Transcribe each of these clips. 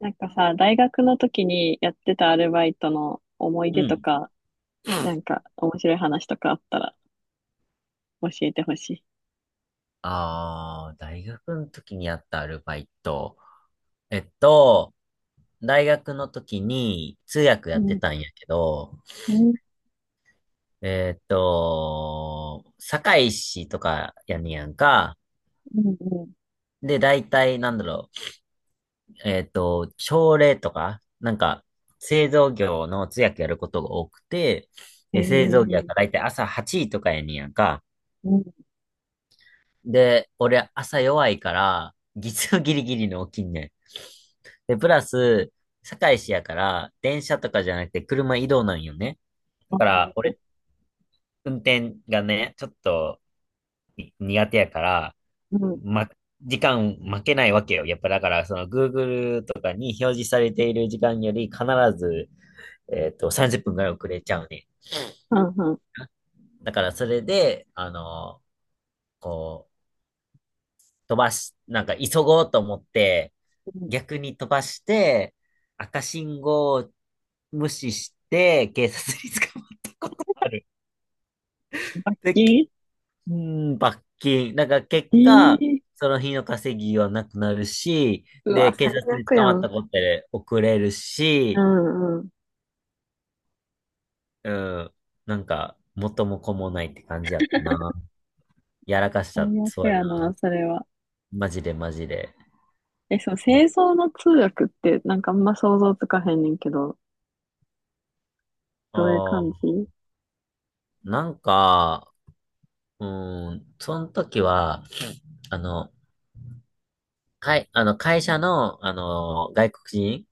なんかさ、大学の時にやってたアルバイトの思いう出とん。か、なんか面白い話とかあったら教えてほしい。ああ、大学の時にやったアルバイト。えっと、大学の時に通訳うやってん、たんやけど、うん、堺市とかやねやんか。うん、うで、大体朝礼とか、なんか、製造業の通訳やることが多くて、ん。えで、製造業がー、大体朝8時とかやねやんか。うん、で、俺朝弱いから、月曜ギリギリの起きんねん。で、プラス、堺市やから、電車とかじゃなくて車移動なんよね。あだから、ー、俺、運転がね、ちょっとに苦手やから、うん、ま、時間負けないわけよ。やっぱだから、その Google とかに表示されている時間より必ず、30分ぐらい遅れちゃうね。うん、うん、だから、それで、こう、飛ばし、なんか急ごうと思って、うん。逆に飛ばして、赤信号を無視して、警察に捕まったことがある。罰で、金。うん、罰金。だから結え果、ー、その日の稼ぎはなくなるし、うわ、で、警最察に悪捕やまっん。たことで遅れるうし、ん、うん。うん、なんか、元も子もないって感じやったな。やらかした、最悪そうややな。な、それは。マジでマジで。え、そう、製造の通訳って、なんかあんま想像つかへんねんけど、どういうああ、感じ？なんか、うん、その時は、あの、あの、会社の、外国人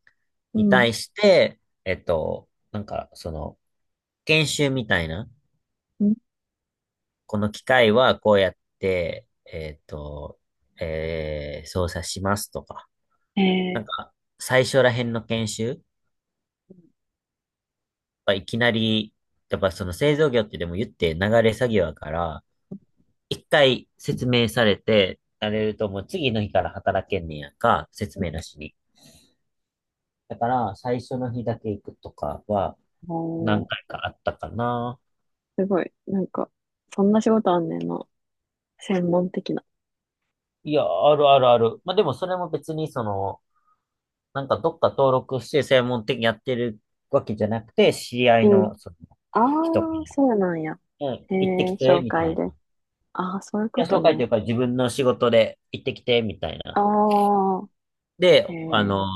うにん、対して、なんか、その、研修みたいな、うん。この機械はこうやって、操作しますとか、なえんか、最初ら辺の研修はいきなり、やっぱその製造業ってでも言って流れ作業だから、一回説明されて、されるともう次の日から働けんねやんか、説明なしに。だから、最初の日だけ行くとかは、ー、何お、回かあったかな。すごい。なんか、そんな仕事あんねんな。専門的な。いや、あるあるある。まあ、でもそれも別にその、なんかどっか登録して専門的にやってるわけじゃなくて、知り合いうん。のそのあ人かあ、そうなんや。ら、うん、へ行ってえ、きて、紹みたい介な。いで。ああ、そういうこや、と紹介とね。いうか自分の仕事で行ってきて、みたいあな。あ、で、へえ、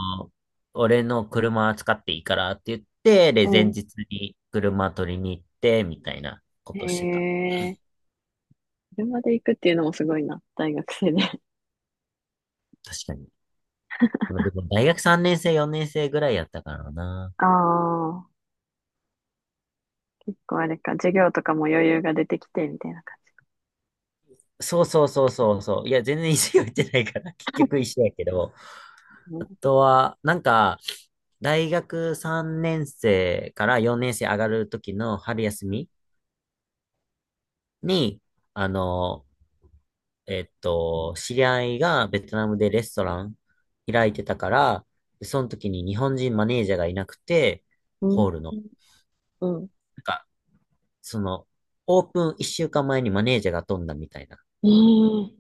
俺の車使っていいからって言って、で、う前ん。日に車取りに行って、みたいなこへとしてた。え、車で行くっていうのもすごいな。大学生で。確かに。までも大学3年生、4年生ぐらいやったからな。ああ、結構あれか。授業とかも余裕が出てきて、みたいな感そうそうそうそうそう。いや、全然石を行ってないから、結局石やけど。じ。あうとは、なんか、大学3年生から4年生上がる時の春休みに、あの、知り合いがベトナムでレストラン開いてたから、その時に日本人マネージャーがいなくて、ん。ホールの、うん。うん。なんか、その、オープン1週間前にマネージャーが飛んだみたいなええ、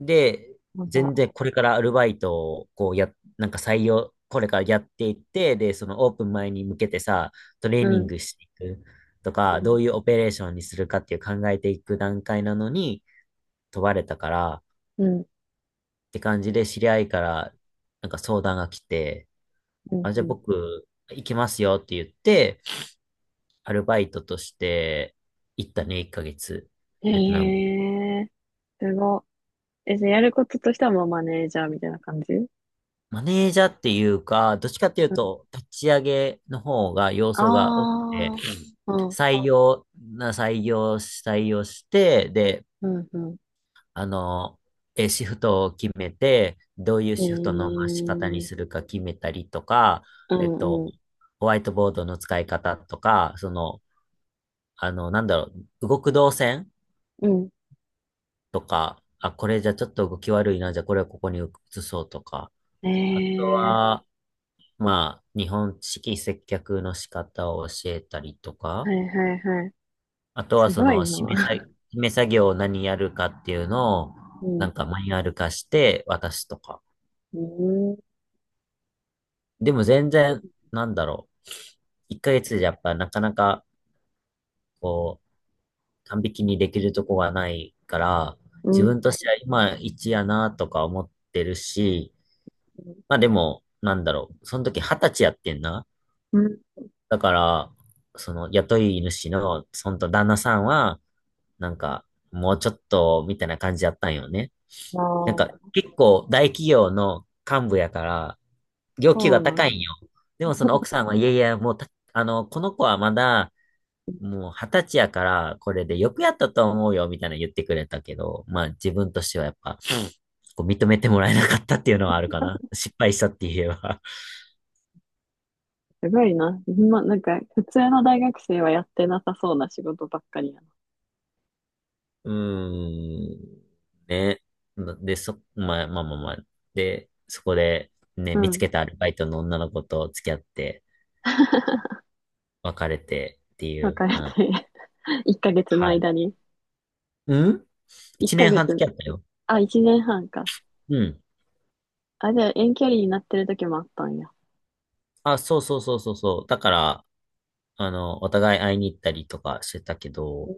で、やば。全然これからアルバイトをこうや、なんか採用、これからやっていって、で、そのオープン前に向けてさ、トレーうニンん。グしていくとうか、どん。ういうオペレーションにするかっていう考えていく段階なのに問われたからっうん。て感じで知り合いからなんか相談が来て、うん。あ、うじゃあん、僕行きますよって言って、アルバイトとして行ったね、1ヶ月。ベトナム。へえ、すご。え、じゃあやることとしてはもうマネージャーみたいな感じ？うん。マネージャーっていうか、どっちかっていうと、立ち上げの方が要素が多くて、ああ、うん、採用、採用して、で、うん、うん。あの、シフトを決めて、どういうえシフトの回し方にー、するか決めたりとか、うえっと、ん、うん、ホワイトボードの使い方とか、その、あの、なんだろ動く動線うとか、あ、これじゃちょっと動き悪いな、じゃあこれをここに移そうとか、ん。あとえは、まあ、日本式接客の仕方を教えたりとー、か、はいはいはい。あとはすそごいの、な。締め作業を何やるかっていうのを、うなん、んかマニュアル化して渡すとか。うん、でも全然、なんだろ1ヶ月じゃやっぱなかなか、こう、完璧にできるとこがないから、う自ん、分としては今一やなとか思ってるし、まあでも、その時二十歳やってんな。うん。だから、その雇い主の、その旦那さんは、なんか、もうちょっと、みたいな感じやったんよね。あなんか、あ、結構大企業の幹部やから、要求そうがな高いんんよ。だ。でもその奥さんは、いやいや、もうた、あの、この子はまだ、もう二十歳やから、これでよくやったと思うよ、みたいな言ってくれたけど、まあ自分としてはやっぱ、こう認めてもらえなかったっていうのはあるかな。失敗したって言えば。すごいな。ま、なんか、普通の大学生はやってなさそうな仕事ばっかりやな。うーん、ね。まあまあまあまあ。で、そこで、ね、う見つん。けたアルバイトの女の子と付き合って、別れてってい別う、れはい。て、1ヶ月のはい。間に？うん、1一年ヶ半月、付き合ったよ。あ、1年半か。うん。あ、じゃあ遠距離になってる時もあったんや。あ、そうそうそうそうそう。だから、お互い会いに行ったりとかしてたけうど、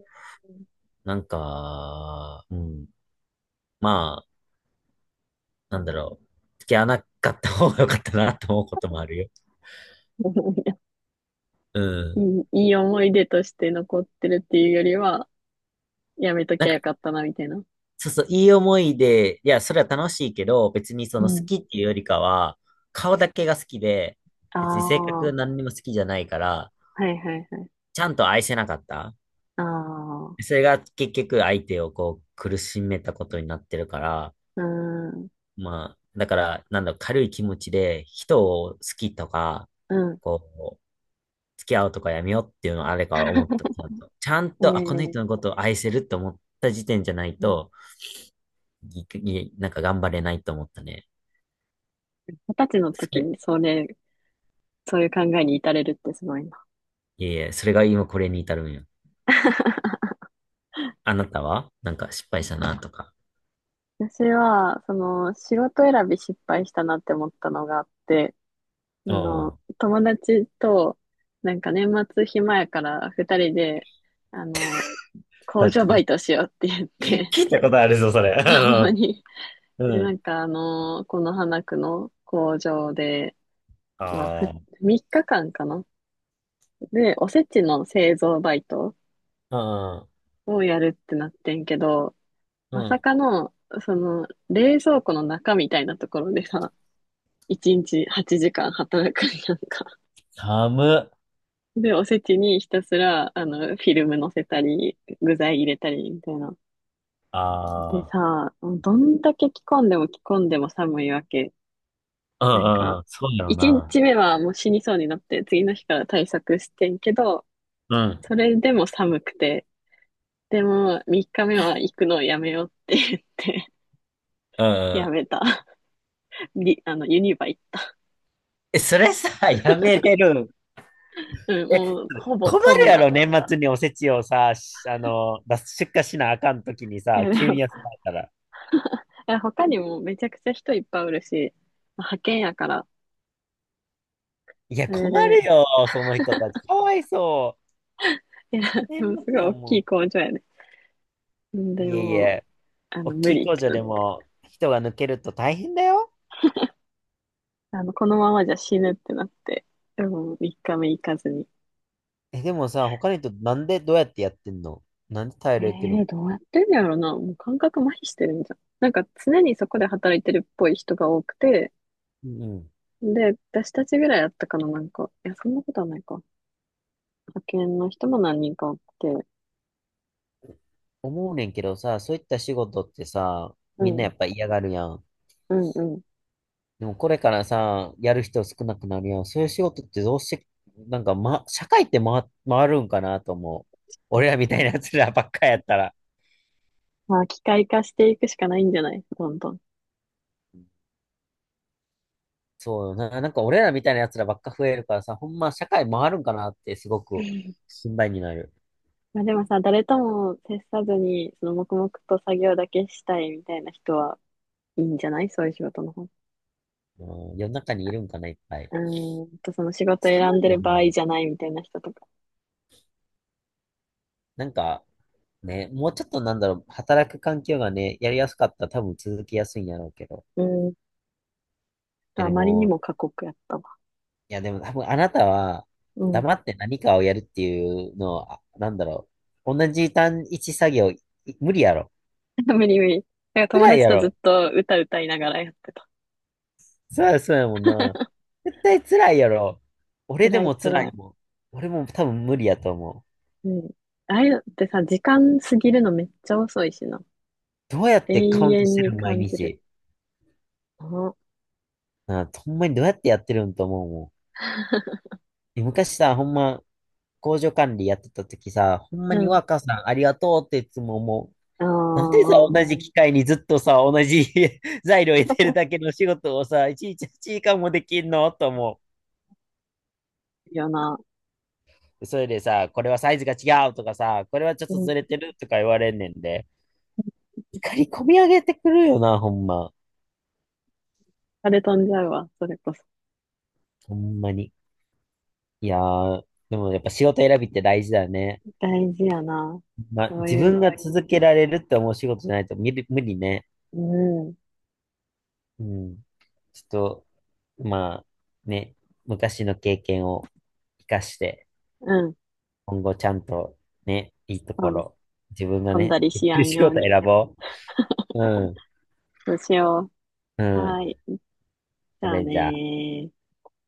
ん。 なんか、うん。まあ、なんだろう。付き合わなかった方が良かったなと思うこともあるよ。ういん。い、いい思い出として残ってるっていうよりは、やめとなきんゃよか、かったな、みたいな。そうそう、いい思いで、いや、それは楽しいけど、別にそうの好ん。きっていうよりかは、顔だけが好きで、あ別に性あ、格は何にも好きじゃないから、いはいはい。ちゃんと愛せなかった。ああ、それが結局相手をこう苦しめたことになってるから、うん、うまあ、だから、なんだろう、軽い気持ちで人を好きとか、ん。こう、付き合うとかやめようっていうのはあれから思った。ちゃんと、ちゃんえと、あ、このー、人のことを愛せるって思った時点じゃないうん。と、なんか頑張れないと思ったね。二十歳のそ時れ、にそれ、そういう考えに至れるってすごいな。いえいえ、それが今これに至るんよ。あなたはなんか失敗したなとか。私は、仕事選び失敗したなって思ったのがあって、うん。友達と、なんか年末暇やから二人で、あの、工だっ場バイて、トしようって言って、聞いたことあるぞ、それ。青森に。うん。で、うなん。んかこの花区の工場で、まあ、あ3日間かんかな。で、おせちの製造バイトあ。うん。をやるってなってんけど、うまさん。かの、冷蔵庫の中みたいなところでさ、1日8時間働くんやんか。寒っ。で、おせちにひたすら、フィルム乗せたり、具材入れたりみたいな。でああ。さ、どんだけ着込んでも着込んでも寒いわけ。うんなうんんか、うん。そうやろ一な。日目はもう死にそうになって、次の日から対策してんけど、うん。それでも寒くて、でも三日目は行くのをやめようって言って、うん うやん。めた。ユニバ行っえ、それさ、やめれる。た。うん、え、もうほぼ困飛るんやだ。ろ、年末におせちをさ、しあの、出す出荷しなあかんときにいさ、や、で急にも、休まれたら。いや他にもめちゃくちゃ人いっぱいおるし、派遣やから、いや、それ困で、るよ、その人たち。かわいそいや、う。年でも末すごいや大んきいも工場やね。うん。ん。でいえいも、え、大無きい理っ工て場なっでて、も人が抜けると大変だよ。このままじゃ死ぬってなって、でも3日目行かずに。え、でもさ、他の人なんでどうやってやってんの、なんで耐ええれてるえの、ー、どうやってんのやろな。もう感覚麻痺してるんじゃん。なんか常にそこで働いてるっぽい人が多くて、うん。で、私たちぐらいあったかな、なんか。いや、そんなことはないか。派遣の人も何人か多くて。思うねんけどさ、そういった仕事ってさ、うみんなん、やっぱ嫌がるやん。うん、うん。でもこれからさ、やる人少なくなるやん。そういう仕事ってどうして、なんか、ま、社会って回、回るんかなと思う。俺らみたいな奴らばっかやったら。まあ、機械化していくしかないんじゃない？どんどん。そうよな。なんか俺らみたいな奴らばっか増えるからさ、ほんま社会回るんかなってすごく心配になる。まあでもさ、誰とも接さずに、その黙々と作業だけしたいみたいな人はいいんじゃない？そういう仕事の方。ううん、世の中にいるんかな、いっぱい。ーんと、その仕事寒選んいでよるね。場合じゃないみたいな人とか。なんか、ね、もうちょっと働く環境がね、やりやすかったら多分続きやすいんやろうけど。うーんいと、やあでまりにも、も過酷やった。いや、でも多分あなたは、うん。黙って何かをやるっていうのは、同じ単一作業、無理やろ。無理無理。だから友辛い達やとずろ。っと歌歌いながらやってた。そうや、そうやもんな。絶対辛いやろ。俺で辛いも辛辛い。いもん。俺も多分無理やと思う。うん。ああいうのってさ、時間過ぎるのめっちゃ遅いしな。どうやってカ永ウントし遠てにる毎感じる。日。あ。 なあ、ほんまにどうやってやってるんと思うも ん。昔さ、ほんま、工場管理やってた時さ、ほんまうにん。ワーカーさんありがとうっていつも思う。あなんでさ、あ。同じ機械にずっとさ、同じ 材料入れてるだ けの仕事をさ、いちいち時間もできんのと思いいよな。う。それでさ、これはサイズが違うとかさ、これはちょっうとん。ずれてるとか言われんねんで、怒り込み上げてくるよな、ほんま。あれ飛んじゃうわ、それこそ。ほんまに。いやー、でもやっぱ仕事選びって大事だよね。大事やな。まあ、そう自いう、分が続けられるって思う仕事じゃないと無理、無理ね。うん。うん。ちょっと、まあ、ね、昔の経験を活かして、うん。今後ちゃんとね、いいとそこうね。ろ、自分が飛んね、だりでしきやるん仕よう事に。選ぼう。うん、そうしようう。はん。い。じそゃあれねじゃあ。ー。